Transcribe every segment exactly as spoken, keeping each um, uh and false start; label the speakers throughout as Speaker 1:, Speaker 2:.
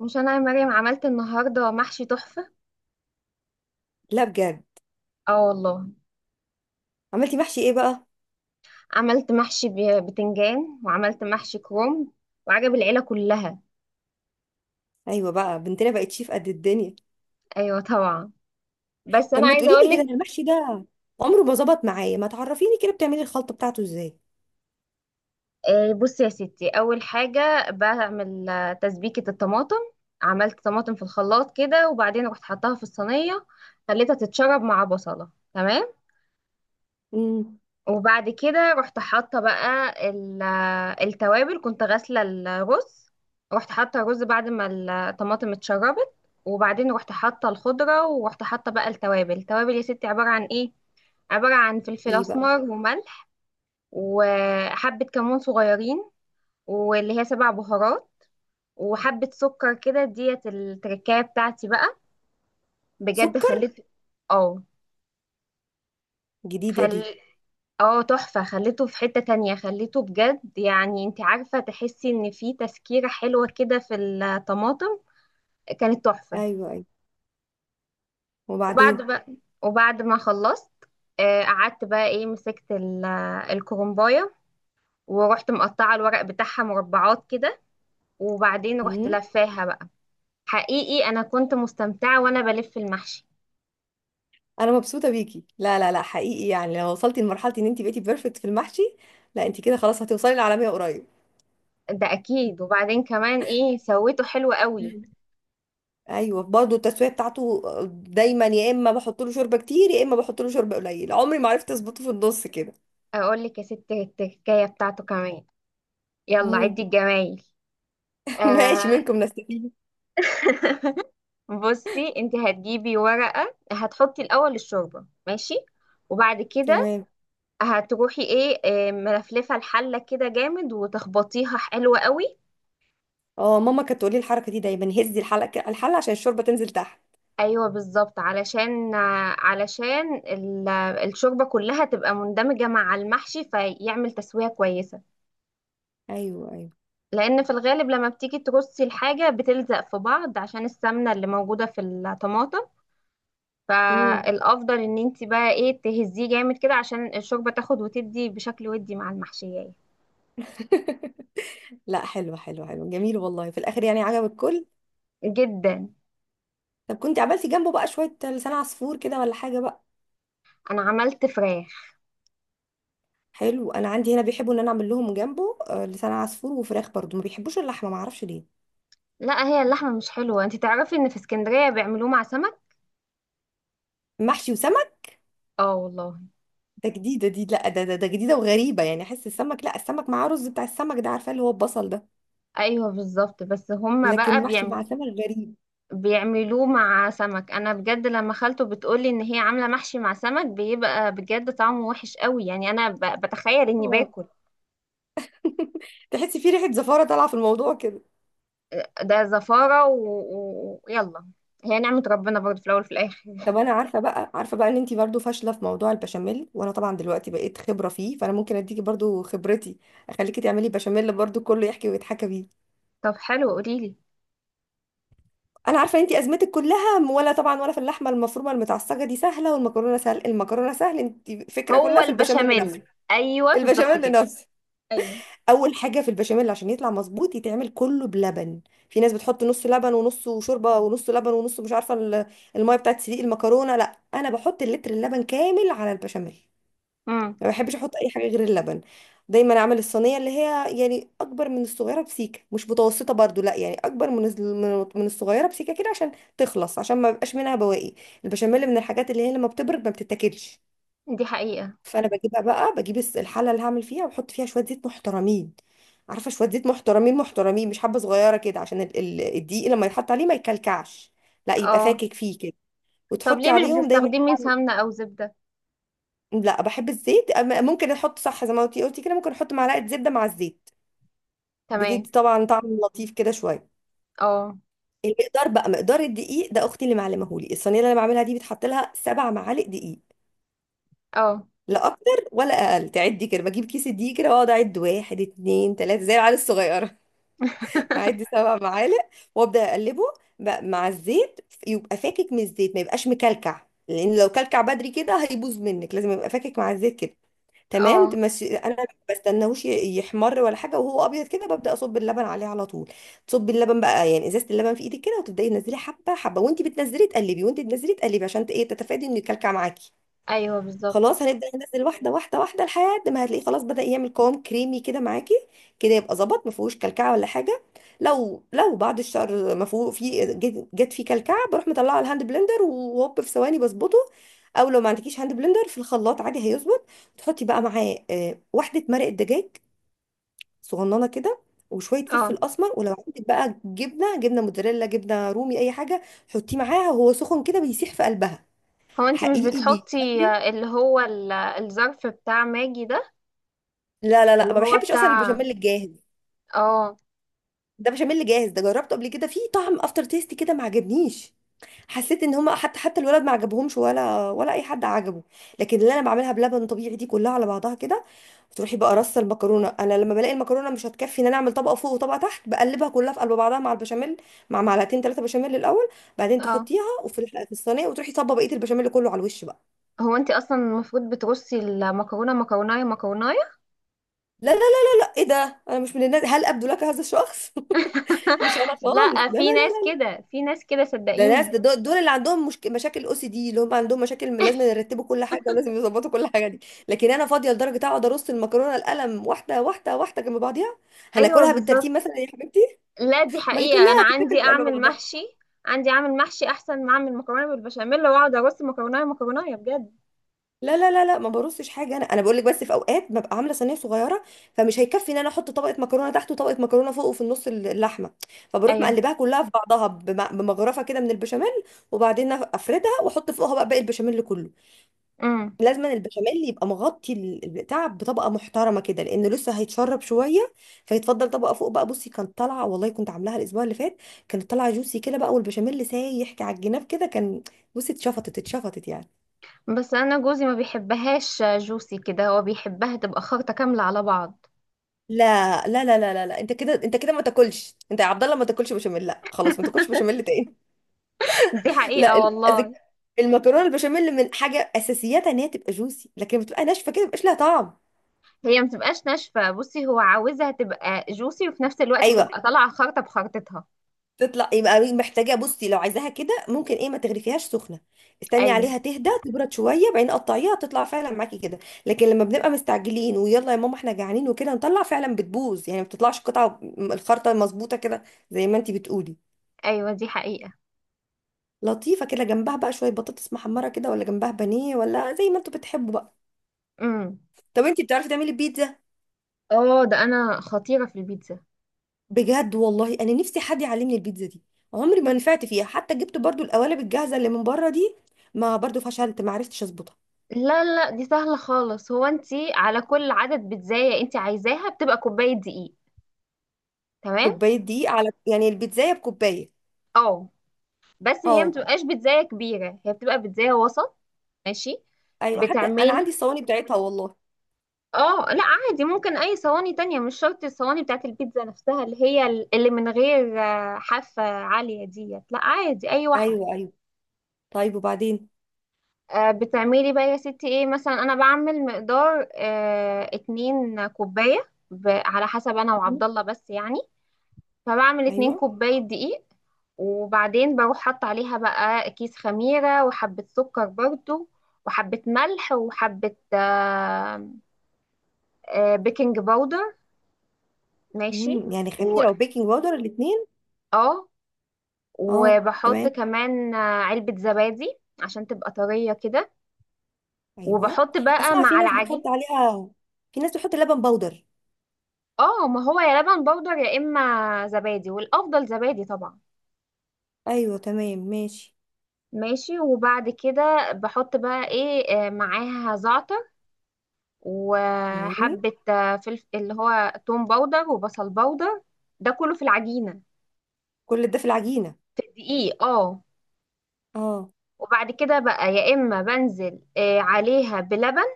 Speaker 1: مش انا يا مريم عملت النهارده محشي تحفه؟
Speaker 2: لا بجد.
Speaker 1: اه والله.
Speaker 2: عملتي محشي ايه بقى؟
Speaker 1: عملت محشي ب- بتنجان، وعملت محشي كروم، وعجب العيله كلها.
Speaker 2: ايوه بقى، بنتنا بقت شيف قد الدنيا.
Speaker 1: ايوه طبعا. بس
Speaker 2: طب
Speaker 1: انا
Speaker 2: ما
Speaker 1: عايزه
Speaker 2: تقولي
Speaker 1: اقول
Speaker 2: لي كده، أنا
Speaker 1: لك.
Speaker 2: المحشي ده عمره ما ظبط معايا، ما تعرفيني كده بتعملي الخلطه بتاعته ازاي.
Speaker 1: آه، بصي يا ستي، اول حاجه بعمل آه، تسبيكه الطماطم. عملت طماطم في الخلاط كده، وبعدين رحت حطاها في الصينيه، خليتها تتشرب مع بصله، تمام.
Speaker 2: امم.
Speaker 1: وبعد كده رحت حاطه بقى ال- التوابل. كنت غاسله الرز، رحت حاطه الرز بعد ما الطماطم اتشربت. وبعدين رحت حاطه الخضره، ورحت حاطه بقى التوابل. التوابل يا ستي عباره عن ايه؟ عباره عن فلفل
Speaker 2: ايه بقى؟
Speaker 1: اسمر وملح، وحبه كمون صغيرين، واللي هي سبع بهارات، وحبه سكر كده. ديت التركايه بتاعتي بقى. بجد
Speaker 2: سكر؟
Speaker 1: خليت اه
Speaker 2: جديده
Speaker 1: خل
Speaker 2: دي.
Speaker 1: اه تحفة. خليته في حتة تانية، خليته بجد، يعني انت عارفة، تحسي ان في تسكيرة حلوة كده في الطماطم. كانت تحفة.
Speaker 2: ايوه، ايوه.
Speaker 1: وبعد
Speaker 2: وبعدين.
Speaker 1: بقى وبعد ما خلصت، آه، قعدت بقى ايه، مسكت ال- الكرنباية، ورحت مقطعة الورق بتاعها مربعات كده، وبعدين رحت
Speaker 2: امم.
Speaker 1: لفاها بقى. حقيقي انا كنت مستمتعة وانا بلف المحشي.
Speaker 2: انا مبسوطه بيكي، لا لا لا، حقيقي يعني لو وصلتي لمرحله ان انت بقيتي بيرفكت في المحشي، لا انت كده خلاص هتوصلي للعالميه قريب.
Speaker 1: ده اكيد. وبعدين كمان ايه سويته حلو قوي.
Speaker 2: مم. ايوه، برضه التسويه بتاعته، دايما يا اما بحط له شوربه كتير يا اما بحط له شوربه قليل، عمري ما عرفت اظبطه في النص كده.
Speaker 1: اقول لك يا ستي التكايه بتاعته كمان. يلا عدي
Speaker 2: مم.
Speaker 1: الجمايل.
Speaker 2: ماشي،
Speaker 1: آه.
Speaker 2: منكم نستفيد.
Speaker 1: بصي، انت هتجيبي ورقة، هتحطي الأول الشوربة، ماشي. وبعد كده
Speaker 2: تمام.
Speaker 1: هتروحي ايه آه، ملفلفة الحلة كده جامد وتخبطيها حلوة قوي.
Speaker 2: اه، ماما كانت تقولي الحركه دي دايما، هزي الحلقه الحله عشان الشوربه تنزل تحت.
Speaker 1: ايوه بالظبط، علشان آه، علشان ال- الشوربة كلها تبقى مندمجة مع المحشي فيعمل تسوية كويسة.
Speaker 2: ايوه، ايوه.
Speaker 1: لأن في الغالب لما بتيجي ترصي الحاجة بتلزق في بعض عشان السمنة اللي موجودة في الطماطم.
Speaker 2: امم.
Speaker 1: فالافضل ان انت بقى ايه، تهزيه جامد كده عشان الشوربه تاخد وتدي بشكل ودي مع المحشيه.
Speaker 2: لا، حلو حلو حلو، جميل والله، في الاخر يعني عجب الكل.
Speaker 1: جدا.
Speaker 2: طب كنت عملتي جنبه بقى شويه لسان عصفور كده ولا حاجه بقى؟
Speaker 1: انا عملت فراخ.
Speaker 2: حلو، انا عندي هنا بيحبوا ان انا اعمل لهم جنبه آه، لسان عصفور وفراخ، برضو ما بيحبوش اللحمه، ما اعرفش ليه.
Speaker 1: لا، هي اللحمه مش حلوه. انت تعرفي ان في اسكندريه بيعملوه مع سمك.
Speaker 2: محشي وسمك؟
Speaker 1: اه والله.
Speaker 2: ده جديده دي، لا ده ده, ده جديده وغريبه، يعني احس السمك، لا السمك معاه رز بتاع السمك ده، عارفه اللي هو البصل ده.
Speaker 1: ايوه بالظبط، بس هما
Speaker 2: لكن
Speaker 1: بقى
Speaker 2: محشي مع
Speaker 1: بيعمل
Speaker 2: سمك، غريب.
Speaker 1: بيعملوه مع سمك. انا بجد لما خالته بتقولي ان هي عامله محشي مع سمك، بيبقى بجد طعمه وحش قوي يعني، انا ب- بتخيل اني باكل.
Speaker 2: تحسي في ريحه زفاره طالعه في الموضوع كده.
Speaker 1: ده زفاره ويلا، و... و- يلا. هي نعمه ربنا برضه في الاول وفي الاخر.
Speaker 2: طب انا عارفه بقى عارفه بقى ان انتي برضو فاشله في موضوع البشاميل، وانا طبعا دلوقتي بقيت خبره فيه، فانا ممكن اديكي برضو خبرتي، اخليكي تعملي بشاميل برضو كله يحكي ويتحكى بيه.
Speaker 1: طب حلو، قوليلي.
Speaker 2: انا عارفه ان انتي ازمتك كلها م- ولا طبعا ولا في اللحمه المفرومه المتعصجه، دي سهله، والمكرونه سهل، المكرونه سهل، انتي فكره
Speaker 1: هو
Speaker 2: كلها في البشاميل نفسه،
Speaker 1: البشاميل. ايوه بالظبط
Speaker 2: البشاميل
Speaker 1: كده.
Speaker 2: نفسه.
Speaker 1: ايوه.
Speaker 2: اول حاجه في البشاميل عشان يطلع مظبوط يتعمل كله بلبن. في ناس بتحط نص لبن ونصه شوربه، ونص لبن ونص مش عارفه ال- الميه بتاعت سليق المكرونه، لا انا بحط اللتر اللبن كامل على البشاميل.
Speaker 1: امم.
Speaker 2: ما بحبش احط اي حاجه غير اللبن. دايما اعمل الصينيه اللي هي يعني اكبر من الصغيره بسيكه، مش متوسطه برضو، لا يعني اكبر من الز- من من الصغيره بسيكه كده، عشان تخلص، عشان ما بيبقاش منها بواقي. البشاميل من الحاجات اللي هي لما بتبرد ما بتتاكلش،
Speaker 1: دي حقيقة.
Speaker 2: فانا بجيبها بقى، بجيب الس- الحله اللي هعمل فيها واحط فيها شويه زيت محترمين. عارفه، شويه زيت محترمين محترمين مش حبه صغيره كده، عشان ال- ال- الدقيق لما يتحط عليه ما يكلكعش، لا يبقى
Speaker 1: اه.
Speaker 2: فاكك فيه كده.
Speaker 1: طب
Speaker 2: وتحطي
Speaker 1: ليه مش
Speaker 2: عليهم دايما.
Speaker 1: بتستخدمي سمنة او زبدة؟
Speaker 2: لا بحب الزيت، أما- ممكن احط، صح زي ما انتي قلتي كده، ممكن احط معلقه زبده مع الزيت،
Speaker 1: تمام.
Speaker 2: بتدي طبعا طعم لطيف كده شويه.
Speaker 1: اه.
Speaker 2: المقدار بقى، مقدار الدقيق ده اختي اللي معلمهولي، الصينيه اللي انا بعملها دي بتحط لها سبع معالق دقيق،
Speaker 1: اه.
Speaker 2: لا اكتر ولا اقل، تعدي كده بجيب كيس الدقيق كده واقعد اعد واحد اتنين تلاته زي العيال الصغيره، هعدي سبع معالق. وابدا اقلبه بقى مع الزيت، يبقى فاكك من الزيت ما يبقاش مكلكع، لان لو كلكع بدري كده هيبوظ منك، لازم يبقى فاكك مع الزيت كده، تمام؟
Speaker 1: اه.
Speaker 2: تمشي. انا ما بستناهوش ي- يحمر ولا حاجه، وهو ابيض كده ببدا اصب اللبن عليه على طول. تصبي اللبن بقى، يعني ازازه اللبن في ايدك كده، وتبداي تنزلي حبه حبه، وانت بتنزلي تقلبي، وانت بتنزلي تقلبي عشان ت- ايه، تتفادي انه يكلكع معاكي.
Speaker 1: ايوه بالظبط.
Speaker 2: خلاص هنبدأ ننزل واحدة واحدة واحدة لحد ما هتلاقيه خلاص بدأ يعمل قوام كريمي كده معاكي، كده يبقى ظبط، ما فيهوش كلكعة ولا حاجة. لو لو بعد الشهر ما فيه، في جت جت فيه كلكعة، بروح مطلعه على الهاند بلندر وهوب في ثواني بظبطه، او لو ما عندكيش هاند بلندر في الخلاط عادي هيظبط. تحطي بقى معاه آه، واحدة مرق الدجاج صغننة كده، وشوية
Speaker 1: اه.
Speaker 2: فلفل أسمر، ولو عندك بقى جبنة جبنة موتزاريلا، جبنة رومي، أي حاجة حطيه معاها وهو سخن كده بيسيح في قلبها،
Speaker 1: هو انت مش
Speaker 2: حقيقي
Speaker 1: بتحطي
Speaker 2: بيخلي.
Speaker 1: آه، اللي هو ال- الظرف بتاع ماجي ده؟
Speaker 2: لا لا لا،
Speaker 1: اللي
Speaker 2: ما
Speaker 1: هو
Speaker 2: بحبش اصلا
Speaker 1: بتاع.
Speaker 2: البشاميل الجاهز،
Speaker 1: اه.
Speaker 2: ده بشاميل جاهز، ده جربته قبل كده فيه طعم افتر تيست كده ما عجبنيش، حسيت ان هما حتى حتى الولد ما عجبهمش ولا ولا اي حد عجبه. لكن اللي انا بعملها بلبن طبيعي دي كلها على بعضها كده. تروحي بقى رص المكرونه، انا لما بلاقي المكرونه مش هتكفي ان انا اعمل طبقه فوق وطبقه تحت، بقلبها كلها في قلب بعضها مع البشاميل، مع معلقتين ثلاثه بشاميل الاول، بعدين
Speaker 1: اه.
Speaker 2: تحطيها وفي الح- في الصينيه، وتروحي صبه بقيه البشاميل كله على الوش بقى.
Speaker 1: هو انت اصلا المفروض بترصي المكرونه مكرونايه مكرونايه.
Speaker 2: لا لا لا. ايه ده؟ انا مش من الناس، هل ابدو لك هذا الشخص؟ مش انا خالص،
Speaker 1: لا،
Speaker 2: لا لا.
Speaker 1: في ناس كده، في ناس كده،
Speaker 2: ده ناس،
Speaker 1: صدقيني.
Speaker 2: ده دول دول اللي عندهم مشك... مشاكل او سي دي، اللي هم عندهم مشاكل لازم يرتبوا كل حاجه ولازم يظبطوا كل حاجه دي. لكن انا فاضيه لدرجه اقعد ارص المكرونه القلم واحده واحده واحده جنب بعضيها،
Speaker 1: ايوه
Speaker 2: هناكلها
Speaker 1: بالظبط.
Speaker 2: بالترتيب مثلا يا حبيبتي؟
Speaker 1: لا دي
Speaker 2: ما هي
Speaker 1: حقيقة، أنا
Speaker 2: كلها
Speaker 1: عندي
Speaker 2: هتتاكل جنب
Speaker 1: أعمل
Speaker 2: بعضها.
Speaker 1: محشي، عندي أعمل محشي أحسن ما أعمل مكرونة بالبشاميل، وأقعد أرص مكرونة مكرونة بجد.
Speaker 2: لا لا لا لا، ما برصش حاجه، انا انا بقول لك بس في اوقات ببقى عامله صينيه صغيره، فمش هيكفي ان انا احط طبقه مكرونه تحت وطبقه مكرونه فوق وفي النص اللحمه، فبروح
Speaker 1: ايوه.
Speaker 2: مقلباها كلها في بعضها بم- بمغرفه كده من البشاميل، وبعدين افردها واحط فوقها بقى باقي البشاميل كله.
Speaker 1: امم.
Speaker 2: لازم البشاميل يبقى مغطي ال- البتاع بطبقه محترمه كده، لانه لسه هيتشرب شويه، فيتفضل طبقه فوق بقى. بصي كانت طالعه والله، كنت عاملاها الاسبوع اللي فات كانت طالعه جوسي كده بقى، والبشاميل سايح على الجناب كده كان، بصي اتشفطت اتشفطت يعني.
Speaker 1: بس أنا جوزي ما بيحبهاش جوسي كده، هو بيحبها تبقى خلطة كاملة على بعض.
Speaker 2: لا لا لا لا لا, لا. انت كده، انت كده ما تاكلش، انت يا عبد الله ما تاكلش بشاميل، لا خلاص، ما تاكلش بشاميل تاني.
Speaker 1: دي
Speaker 2: لا
Speaker 1: حقيقة
Speaker 2: ال- أذك-
Speaker 1: والله.
Speaker 2: المكرونه البشاميل من حاجه اساسياتها ان هي تبقى جوسي، لكن بتبقى ناشفه كده مبقاش لها طعم.
Speaker 1: هي ما تبقاش ناشفة. بصي هو عاوزها تبقى جوسي وفي نفس الوقت
Speaker 2: ايوه،
Speaker 1: تبقى طالعة خلطة بخلطتها.
Speaker 2: تطلع يبقى محتاجه، بصي لو عايزاها كده ممكن ايه، ما تغرفيهاش سخنه، استني
Speaker 1: أيوه.
Speaker 2: عليها تهدى تبرد شويه بعدين قطعيها تطلع فعلا معاكي كده. لكن لما بنبقى مستعجلين ويلا يا ماما احنا جعانين وكده نطلع فعلا بتبوظ، يعني ما بتطلعش قطعه، م- الخرطه المظبوطه كده زي ما انتي بتقولي.
Speaker 1: أيوه دي حقيقة.
Speaker 2: لطيفه كده جنبها بقى شويه بطاطس محمره كده، ولا جنبها بانيه، ولا زي ما انتوا بتحبوا بقى.
Speaker 1: امم.
Speaker 2: طب انتي بتعرفي تعملي بيتزا؟
Speaker 1: اه، ده أنا خطيرة في البيتزا.
Speaker 2: بجد والله انا نفسي حد يعلمني البيتزا دي، عمري ما نفعت فيها، حتى جبت برضو القوالب الجاهزه اللي من بره دي، ما برضو فشلت، ما عرفتش اظبطها.
Speaker 1: لا لا، دي سهلة خالص. هو انتي على كل عدد بيتزاية انتي عايزاها بتبقى كوباية دقيق. تمام.
Speaker 2: كوباية دي على يعني البيتزاية بكوباية؟
Speaker 1: اه، بس هي
Speaker 2: اه.
Speaker 1: متبقاش بيتزاية كبيرة، هي بتبقى بيتزاية وسط. ماشي.
Speaker 2: ايوه حتى انا
Speaker 1: بتعملي.
Speaker 2: عندي الصواني بتاعتها والله.
Speaker 1: اه لا عادي، ممكن اي صواني تانية، مش شرط الصواني بتاعت البيتزا نفسها، اللي هي ال- اللي من غير آه، حافة عالية ديت. لا عادي اي واحدة.
Speaker 2: ايوه، ايوه. طيب وبعدين؟
Speaker 1: آه، بتعملي بقى يا ستي ايه، مثلا انا بعمل مقدار آه، اتنين كوباية ب- على حسب انا وعبد
Speaker 2: مم.
Speaker 1: الله بس يعني. فبعمل اتنين
Speaker 2: ايوه.
Speaker 1: كوباية دقيق. وبعدين بروح حط عليها بقى كيس خميرة وحبة سكر برضو، وحبة ملح، وحبة آه، آه، بيكنج باودر. ماشي.
Speaker 2: امم، يعني
Speaker 1: و
Speaker 2: خميرة وبيكنج باودر الاثنين؟
Speaker 1: اه
Speaker 2: اه،
Speaker 1: وبحط
Speaker 2: تمام.
Speaker 1: كمان آه، علبة زبادي عشان تبقى طرية كده.
Speaker 2: ايوه.
Speaker 1: وبحط بقى
Speaker 2: اسمع، في
Speaker 1: مع
Speaker 2: ناس بتحط
Speaker 1: العجين.
Speaker 2: عليها، في ناس بتحط لبن باودر.
Speaker 1: اه، ما هو يا لبن بودر يا اما زبادي، والافضل زبادي طبعا.
Speaker 2: ايوه، تمام، ماشي.
Speaker 1: ماشي. وبعد كده بحط بقى ايه آه، معاها زعتر،
Speaker 2: مم.
Speaker 1: وحبة آه، فلف اللي هو توم باودر وبصل باودر. ده كله في العجينة.
Speaker 2: كل ده في العجينة؟
Speaker 1: في الدقيق اه.
Speaker 2: اه.
Speaker 1: وبعد كده بقى يا إما بنزل آه، عليها بلبن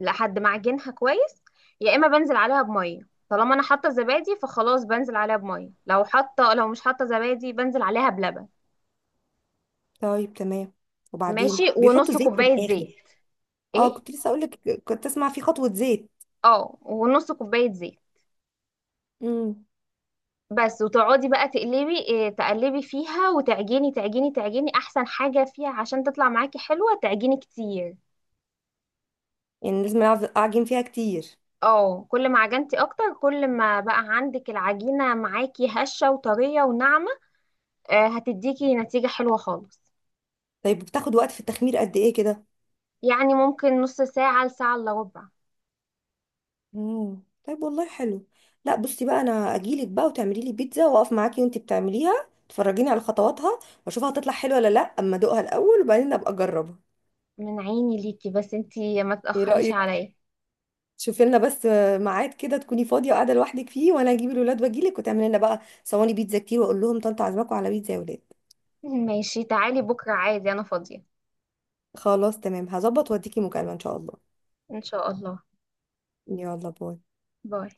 Speaker 1: لحد ما أعجنها كويس، يا إما بنزل عليها بمية. طالما أنا حاطة زبادي فخلاص بنزل عليها بمية، لو حاطة لو مش حاطة زبادي بنزل عليها بلبن.
Speaker 2: طيب، تمام.
Speaker 1: ماشي.
Speaker 2: وبعدين بيحطوا
Speaker 1: ونص
Speaker 2: زيت في
Speaker 1: كوباية
Speaker 2: الاخر؟
Speaker 1: زيت.
Speaker 2: اه،
Speaker 1: ايه.
Speaker 2: كنت لسه اقول لك، كنت اسمع في خطوة زيت.
Speaker 1: اه، ونص كوباية زيت
Speaker 2: امم.
Speaker 1: بس. وتقعدي بقى تقلبي إيه، تقلبي فيها، وتعجني تعجني تعجني. احسن حاجة فيها عشان تطلع معاكي حلوة، تعجني كتير.
Speaker 2: يعني لازم اعجن فيها كتير؟
Speaker 1: اه، كل ما عجنتي اكتر، كل ما بقى عندك العجينة معاكي هشة وطرية وناعمة. آه، هتديكي نتيجة حلوة خالص.
Speaker 2: طيب، بتاخد وقت في التخمير قد ايه كده؟
Speaker 1: يعني ممكن نص ساعة لساعة الا ربع.
Speaker 2: امم، طيب والله حلو. لا بصي بقى، انا اجيلك بقى وتعملي لي بيتزا، واقف معاكي وانتي بتعمليها تفرجيني على خطواتها واشوفها هتطلع حلوه ولا لا، اما ادوقها الاول وبعدين ابقى اجربها.
Speaker 1: من عيني ليكي، بس انتي ما
Speaker 2: ايه
Speaker 1: تأخريش
Speaker 2: رايك؟
Speaker 1: عليا.
Speaker 2: شوفي لنا بس ميعاد كده تكوني فاضيه وقاعده لوحدك فيه، وانا اجيب الولاد واجيلك وتعملي لنا بقى صواني بيتزا كتير، واقول لهم طنط عزمكم على بيتزا يا ولاد.
Speaker 1: ماشي تعالي بكرة، عادي انا فاضية.
Speaker 2: خلاص تمام، هظبط واديكي مكالمه ان شاء الله.
Speaker 1: ان شاء الله.
Speaker 2: يلا باي.
Speaker 1: باي.